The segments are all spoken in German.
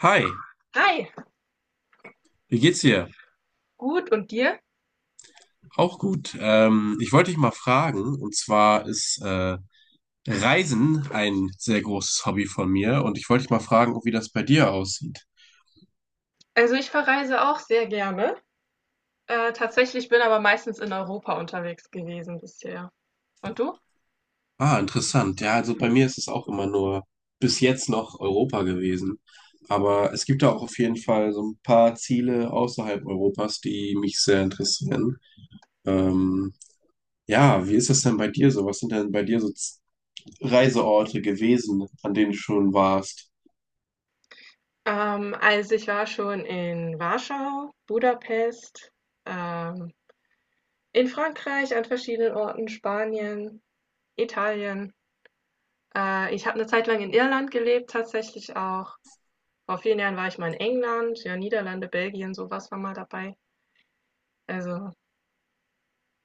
Hi, Hi, wie geht's dir? gut und dir? Auch gut. Ich wollte dich mal fragen, und zwar ist Reisen ein sehr großes Hobby von mir, und ich wollte dich mal fragen, wie das bei dir aussieht. Also ich verreise auch sehr gerne. Tatsächlich bin aber meistens in Europa unterwegs gewesen bisher. Und du? Ah, interessant. Ja, also bei mir ist es auch immer nur bis jetzt noch Europa gewesen. Aber es gibt da auch auf jeden Fall so ein paar Ziele außerhalb Europas, die mich sehr interessieren. Ähm, ja, wie ist das denn bei dir so? Was sind denn bei dir so Reiseorte gewesen, an denen du schon warst? Also ich war schon in Warschau, Budapest, ähm, in Frankreich an verschiedenen Orten, Spanien, Italien. Ich habe eine Zeit lang in Irland gelebt, tatsächlich auch. Vor vielen Jahren war ich mal in England, ja, Niederlande, Belgien, sowas war mal dabei. Also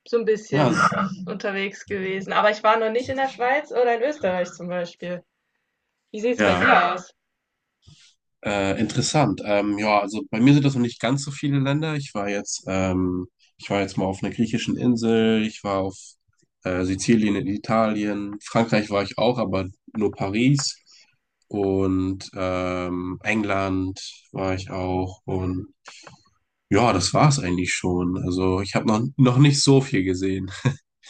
so ein Ja, bisschen unterwegs gewesen. Aber ich war noch nicht in der Schweiz oder in Österreich zum Beispiel. Wie sieht es bei ja. dir aus? Interessant. Ja, also bei mir sind das noch nicht ganz so viele Länder. Ich war jetzt mal auf einer griechischen Insel, ich war auf Sizilien in Italien, Frankreich war ich auch, aber nur Paris und England war ich auch und ja, das war's eigentlich schon. Also ich habe noch nicht so viel gesehen.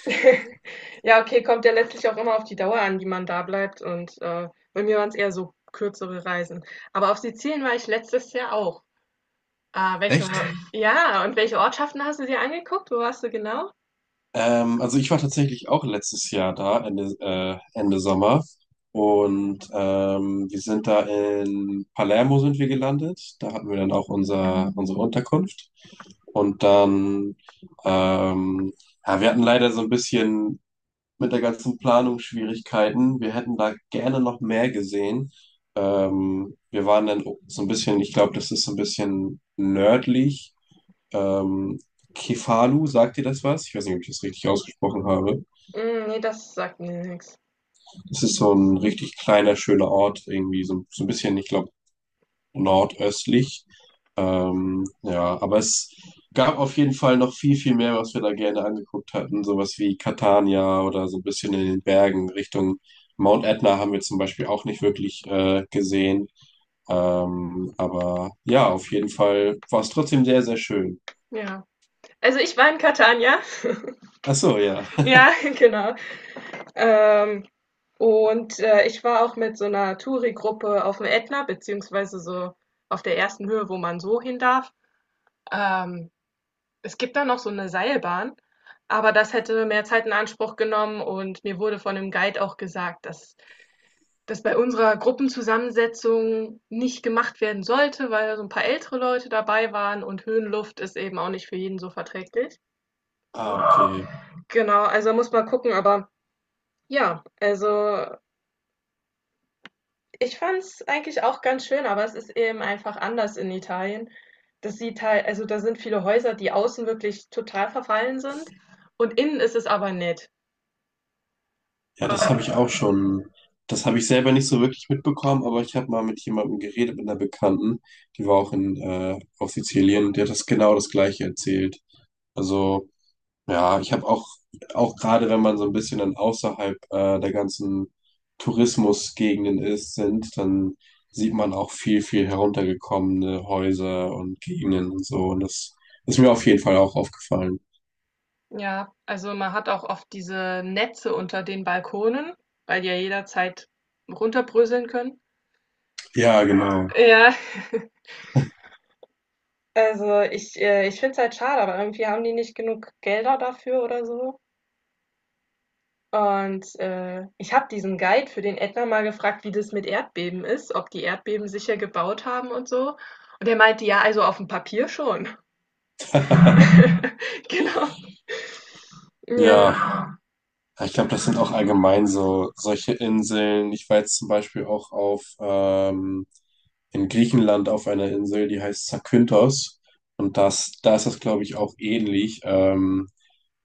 Ja, okay, kommt ja letztlich auch immer auf die Dauer an, die man da bleibt. Und bei mir waren es eher so kürzere Reisen. Aber auf Sizilien war ich letztes Jahr auch. Ah, Echt? ja, und welche Ortschaften hast du dir angeguckt? Wo warst du genau? Also ich war tatsächlich auch letztes Jahr da, Ende Sommer. Und wir sind da in Palermo sind wir gelandet. Da hatten wir dann auch unsere Unterkunft. Und dann, ähm, ja, wir hatten leider so ein bisschen mit der ganzen Planung Schwierigkeiten. Wir hätten da gerne noch mehr gesehen. Wir waren dann so ein bisschen, ich glaube, das ist so ein bisschen nördlich. Ähm, Kefalu, sagt dir das was? Ich weiß nicht, ob ich das richtig ausgesprochen habe. Mm, nee, das sagt mir nichts. Es ist so ein richtig kleiner, schöner Ort, irgendwie so, so ein bisschen, ich glaube, nordöstlich. Ja, aber es gab auf jeden Fall noch viel, viel mehr, was wir da gerne angeguckt hatten. Sowas wie Catania oder so ein bisschen in den Bergen Richtung Mount Etna haben wir zum Beispiel auch nicht wirklich gesehen. Aber ja, auf jeden Fall war es trotzdem sehr, sehr schön. Ja. Also ich war in Catania. Ach so, ja. Ja, genau. Ähm, und ich war auch mit so einer Touri-Gruppe auf dem Ätna, beziehungsweise so auf der ersten Höhe, wo man so hin darf. Ähm, Es gibt da noch so eine Seilbahn, aber das hätte mehr Zeit in Anspruch genommen und mir wurde von dem Guide auch gesagt, dass das bei unserer Gruppenzusammensetzung nicht gemacht werden sollte, weil so ein paar ältere Leute dabei waren und Höhenluft ist eben auch nicht für jeden so verträglich. Ah, okay. Genau, also muss man gucken, aber ja, also ich fand es eigentlich auch ganz schön, aber es ist eben einfach anders in Italien. Das sieht halt, also da sind viele Häuser, die außen wirklich total verfallen sind und innen ist es aber nett. Ja, das habe ich auch Äh, schon. Das habe ich selber nicht so wirklich mitbekommen, aber ich habe mal mit jemandem geredet, mit einer Bekannten, die war auch auf Sizilien und die hat das genau das Gleiche erzählt. Also, ja, auch gerade wenn man so ein bisschen dann der ganzen Tourismusgegenden sind, dann sieht man auch viel, viel heruntergekommene Häuser und Gegenden und so. Und das ist mir auf jeden Fall auch aufgefallen. ja, also man hat auch oft diese Netze unter den Balkonen, weil die ja jederzeit runterbröseln können. Ja, genau. Ja, also ich finde es halt schade, aber irgendwie haben die nicht genug Gelder dafür oder so. Und, ich habe diesen Guide für den Ätna mal gefragt, wie das mit Erdbeben ist, ob die Erdbeben sicher gebaut haben und so. Und er meinte: „Ja, also auf dem Papier schon.“ Genau. Ja. Ja, Ich glaube, das sind auch allgemein so solche Inseln. Ich war jetzt zum Beispiel auch auf in Griechenland auf einer Insel, die heißt Zakynthos. Und das, da ist das, glaube ich, auch ähnlich.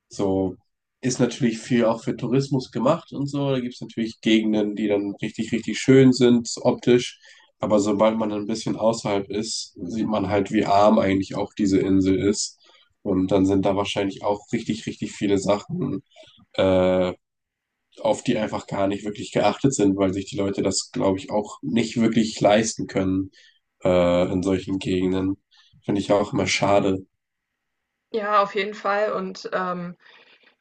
So ist natürlich viel auch für Tourismus gemacht und so. Da gibt es natürlich Gegenden, die dann richtig, richtig schön sind, optisch. Aber sobald man ein bisschen außerhalb ist, sieht man halt, wie arm eigentlich auch diese Insel ist. Und dann sind da wahrscheinlich auch richtig, richtig viele Sachen äh, auf die einfach gar nicht wirklich geachtet sind, weil sich die Leute das, glaube ich, auch nicht wirklich leisten können in solchen Gegenden. Finde ich auch immer schade. ja, auf jeden Fall und,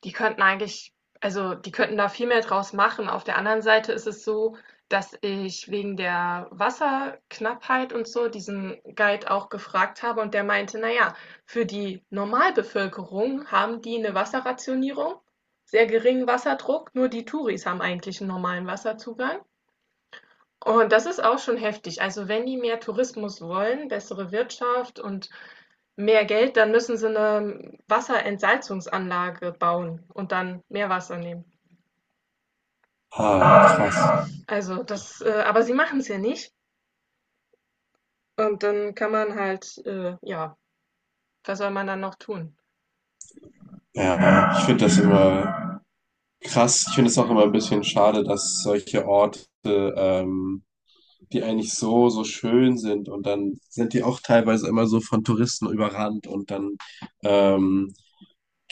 Die könnten eigentlich die könnten da viel mehr draus machen. Auf der anderen Seite ist es so, dass ich wegen der Wasserknappheit und so diesen Guide auch gefragt habe und der meinte, naja, für die Normalbevölkerung haben die eine Wasserrationierung, sehr geringen Wasserdruck, nur die Touris haben eigentlich einen normalen Wasserzugang. Und das ist auch schon heftig. Also wenn die mehr Tourismus wollen, bessere Wirtschaft und mehr Geld, dann müssen sie eine Wasserentsalzungsanlage bauen und dann mehr Wasser nehmen. Ah, krass. Aber sie machen es ja nicht. Und dann kann man halt, ja, was soll man dann noch tun? Ja, ich finde das immer krass. Ich finde es auch immer ein bisschen schade, dass solche Orte, ähm, die eigentlich so, so schön sind und dann sind die auch teilweise immer so von Touristen überrannt und dann ähm,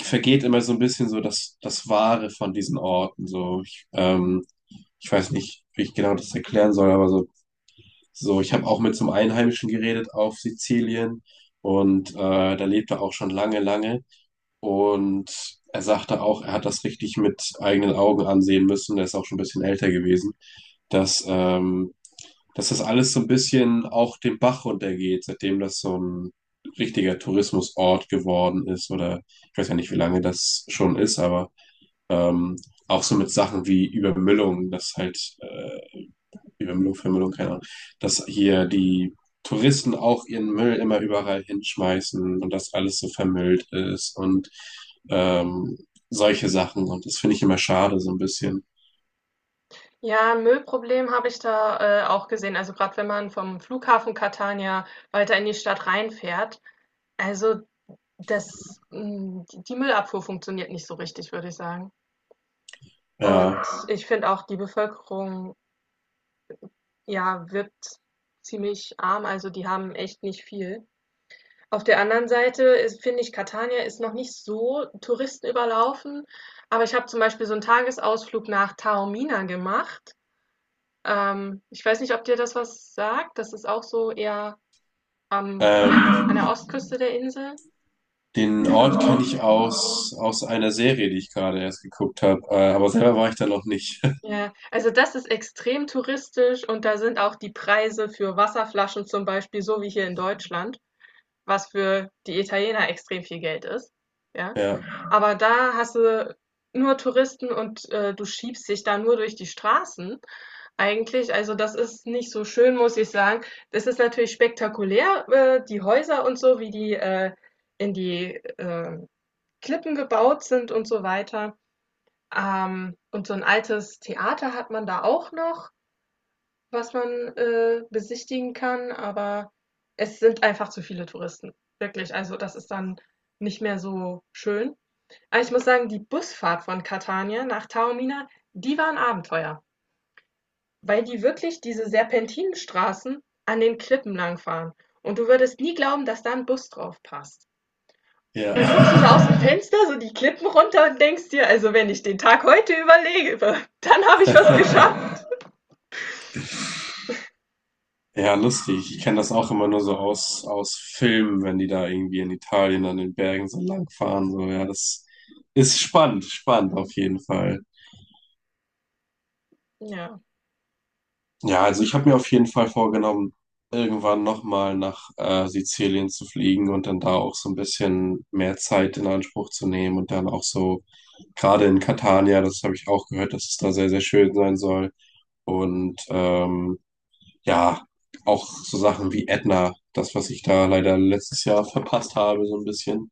vergeht immer so ein bisschen so das Wahre von diesen Orten. Ich weiß nicht, wie ich genau das erklären soll, aber so, so ich habe auch mit so einem Einheimischen geredet auf Sizilien und da lebt er auch schon lange, lange und er sagte auch, er hat das richtig mit eigenen Augen ansehen müssen, er ist auch schon ein bisschen älter gewesen, dass, ähm, dass das alles so ein bisschen auch den Bach runtergeht, seitdem das so ein richtiger Tourismusort geworden ist oder ich weiß ja nicht, wie lange das schon ist, aber ähm, auch so mit Sachen wie Übermüllung, dass halt wie Wimblow, Wimblow, keine Ahnung, dass hier die Touristen auch ihren Müll immer überall hinschmeißen und dass alles so vermüllt ist und ähm, solche Sachen. Und das finde ich immer schade, so ein bisschen. Ja, Müllproblem habe ich da auch gesehen. Also gerade wenn man vom Flughafen Catania weiter in die Stadt reinfährt. Also die Müllabfuhr funktioniert nicht so richtig, würde ich sagen. Und Ja. ich finde auch, die Bevölkerung, ja, wirkt ziemlich arm, also die haben echt nicht viel. Auf der anderen Seite ist, finde ich, Catania ist noch nicht so touristenüberlaufen, aber ich habe zum Beispiel so einen Tagesausflug nach Taormina gemacht. Ich weiß nicht, ob dir das was sagt. Das ist auch so eher Ähm, an der Ostküste der Insel. Den Ort kenne ich aus einer Serie, die ich gerade erst geguckt habe, aber selber war ich da noch nicht. Ja, also das ist extrem touristisch und da sind auch die Preise für Wasserflaschen zum Beispiel so wie hier in Deutschland. Was für die Italiener extrem viel Geld ist. Ja? Ja, Aber da hast du nur Touristen und du schiebst dich da nur durch die Straßen eigentlich. Also das ist nicht so schön, muss ich sagen. Das ist natürlich spektakulär, die Häuser und so, wie die in die Klippen gebaut sind und so weiter. Und so ein altes Theater hat man da auch noch, was man besichtigen kann, aber es sind einfach zu viele Touristen. Wirklich, also das ist dann nicht mehr so schön. Aber ich muss sagen, die Busfahrt von Catania nach Taormina, die war ein Abenteuer, weil die wirklich diese Serpentinenstraßen an den Klippen langfahren. Und du würdest nie glauben, dass da ein Bus drauf passt. ja. Du guckst so aus dem Fenster, so die Klippen runter und denkst dir, also wenn ich den Tag heute überlebe, dann habe ich was geschafft. Ja, lustig. Ich kenne das auch immer nur so aus Filmen, wenn die da irgendwie in Italien an den Bergen so lang fahren. So, ja, das ist spannend, spannend auf jeden Fall. Ja. Ja, also ich habe mir auf jeden Fall vorgenommen, irgendwann nochmal nach Sizilien zu fliegen und dann da auch so ein bisschen mehr Zeit in Anspruch zu nehmen und dann auch so, gerade in Catania, das habe ich auch gehört, dass es da sehr, sehr schön sein soll. Und ja, auch so Sachen wie Edna, das, was ich da leider letztes Jahr verpasst habe, so ein bisschen.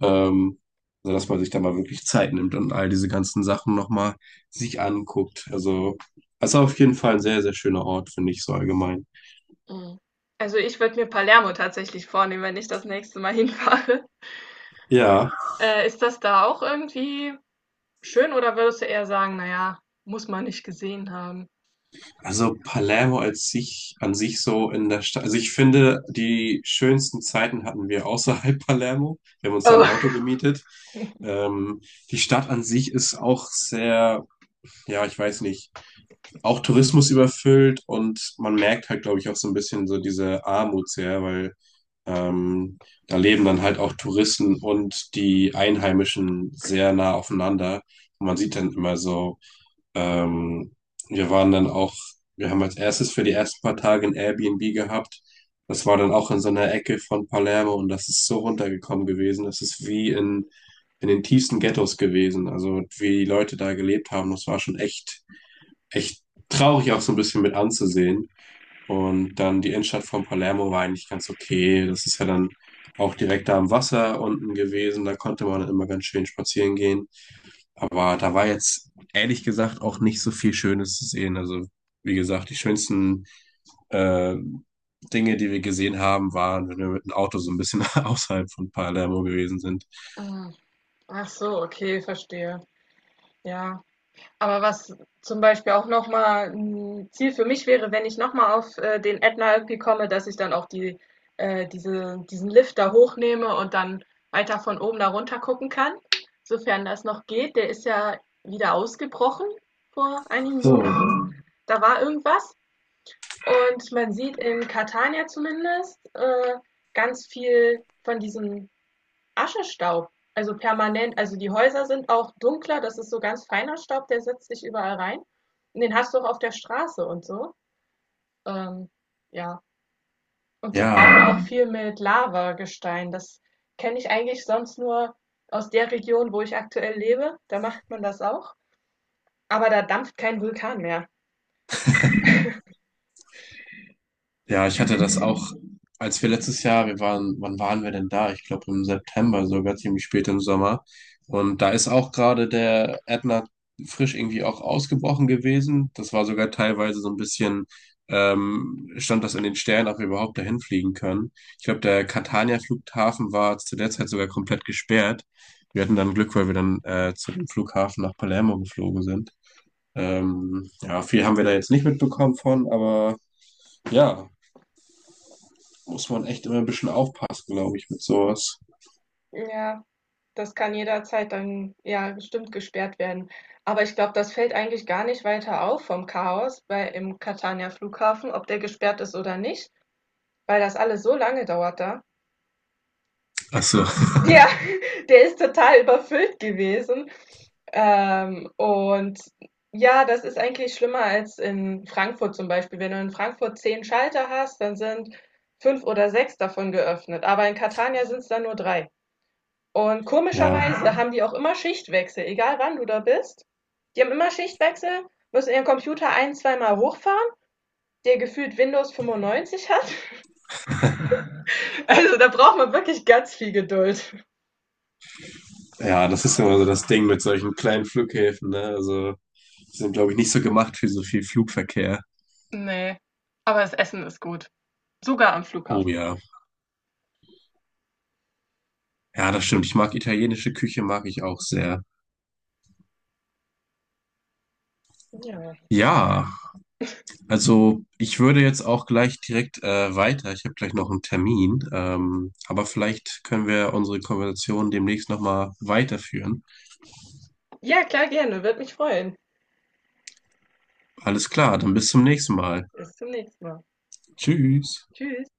Ähm, also, dass man sich da mal wirklich Zeit nimmt und all diese ganzen Sachen nochmal sich anguckt. Also, das ist auf jeden Fall ein sehr, sehr schöner Ort, finde ich so allgemein. Mhm. Also, ich würde mir Palermo tatsächlich vornehmen, wenn ich das nächste Mal hinfahre. Ja, Ist das da auch irgendwie schön oder würdest du eher sagen, na ja, muss man nicht gesehen haben? also Palermo als sich, an sich so in der Stadt. Also ich finde, die schönsten Zeiten hatten wir außerhalb Palermo. Wir haben uns da ein Auto Oh. gemietet. Ähm, Die Stadt an sich ist auch sehr, ja, ich weiß nicht. Auch Tourismus überfüllt und man merkt halt, glaube ich, auch so ein bisschen so diese Armut sehr, weil ähm, da leben dann halt auch Touristen und die Einheimischen sehr nah aufeinander. Und man sieht dann immer so, ähm, wir waren dann auch, Wir haben als erstes für die ersten paar Tage ein Airbnb gehabt. Das war dann auch in so einer Ecke von Palermo und das ist so runtergekommen gewesen. Das ist wie in den tiefsten Ghettos gewesen. Also wie die Leute da gelebt haben, das war schon echt traurig auch so ein bisschen mit anzusehen. Und dann die Innenstadt von Palermo war eigentlich ganz okay. Das ist ja dann auch direkt da am Wasser unten gewesen. Da konnte man dann immer ganz schön spazieren gehen. Aber da war jetzt ehrlich gesagt auch nicht so viel Schönes zu sehen. Also wie gesagt, die schönsten äh, Dinge, die wir gesehen haben, waren, wenn wir mit dem Auto so ein bisschen außerhalb von Palermo gewesen sind. Mhm. Ach so, okay, verstehe. Ja. Aber was zum Beispiel auch nochmal ein Ziel für mich wäre, wenn ich nochmal auf den Ätna irgendwie komme, dass ich dann auch diesen Lift da hochnehme und dann weiter von oben da runter gucken kann, sofern das noch geht. Der ist ja wieder ausgebrochen vor einigen So, Monaten. Da war irgendwas. Und man sieht in Catania zumindest ganz viel von diesem Aschestaub, also permanent. Also die Häuser sind auch dunkler, das ist so ganz feiner Staub, der setzt sich überall rein. Und den hast du auch auf der Straße und so. Ähm, ja. Und die ja. bauen auch viel mit Lavagestein. Das kenne ich eigentlich sonst nur aus der Region, wo ich aktuell lebe. Da macht man das auch. Aber da dampft kein Vulkan mehr. Ja, ich hatte das auch, als wir letztes Jahr, wir waren, wann waren wir denn da? Ich glaube im September sogar, ziemlich spät im Sommer. Und da ist auch gerade der Ätna frisch irgendwie auch ausgebrochen gewesen. Das war sogar teilweise so ein bisschen, stand das in den Sternen, ob wir überhaupt dahin fliegen können. Ich glaube, der Catania-Flughafen war zu der Zeit sogar komplett gesperrt. Wir hatten dann Glück, weil wir dann zu dem Flughafen nach Palermo geflogen sind. Ja, viel haben wir da jetzt nicht mitbekommen von, aber ja, muss man echt immer ein bisschen aufpassen, glaube ich, mit sowas. Ja, das kann jederzeit dann, ja, bestimmt gesperrt werden. Aber ich glaube, das fällt eigentlich gar nicht weiter auf vom Chaos bei im Catania Flughafen, ob der gesperrt ist oder nicht, weil das alles so lange dauert da. Ach so. Ja, der ist total überfüllt gewesen. Und ja, das ist eigentlich schlimmer als in Frankfurt zum Beispiel. Wenn du in Frankfurt 10 Schalter hast, dann sind fünf oder sechs davon geöffnet. Aber in Catania sind es dann nur drei. Und Ja, komischerweise haben die auch immer Schichtwechsel, egal wann du da bist. Die haben immer Schichtwechsel, müssen ihren Computer ein, zweimal hochfahren, der gefühlt Windows 95 hat. Also da braucht man wirklich ganz viel Geduld. ja, das ist ja immer so das Ding mit solchen kleinen Flughäfen, ne? Also, die sind, glaube ich, nicht so gemacht für so viel Flugverkehr. Nee, aber das Essen ist gut. Sogar am Oh Flughafen. ja. Ja, das stimmt. Ich mag italienische Küche, mag ich auch sehr. Ja, Ja, also ich würde jetzt auch gleich direkt weiter. Ich habe gleich noch einen Termin, aber vielleicht können wir unsere Konversation demnächst nochmal weiterführen. ja klar, gerne. Würde mich freuen. Alles klar, dann bis zum nächsten Mal. Bis zum nächsten Mal. Tschüss. Tschüss.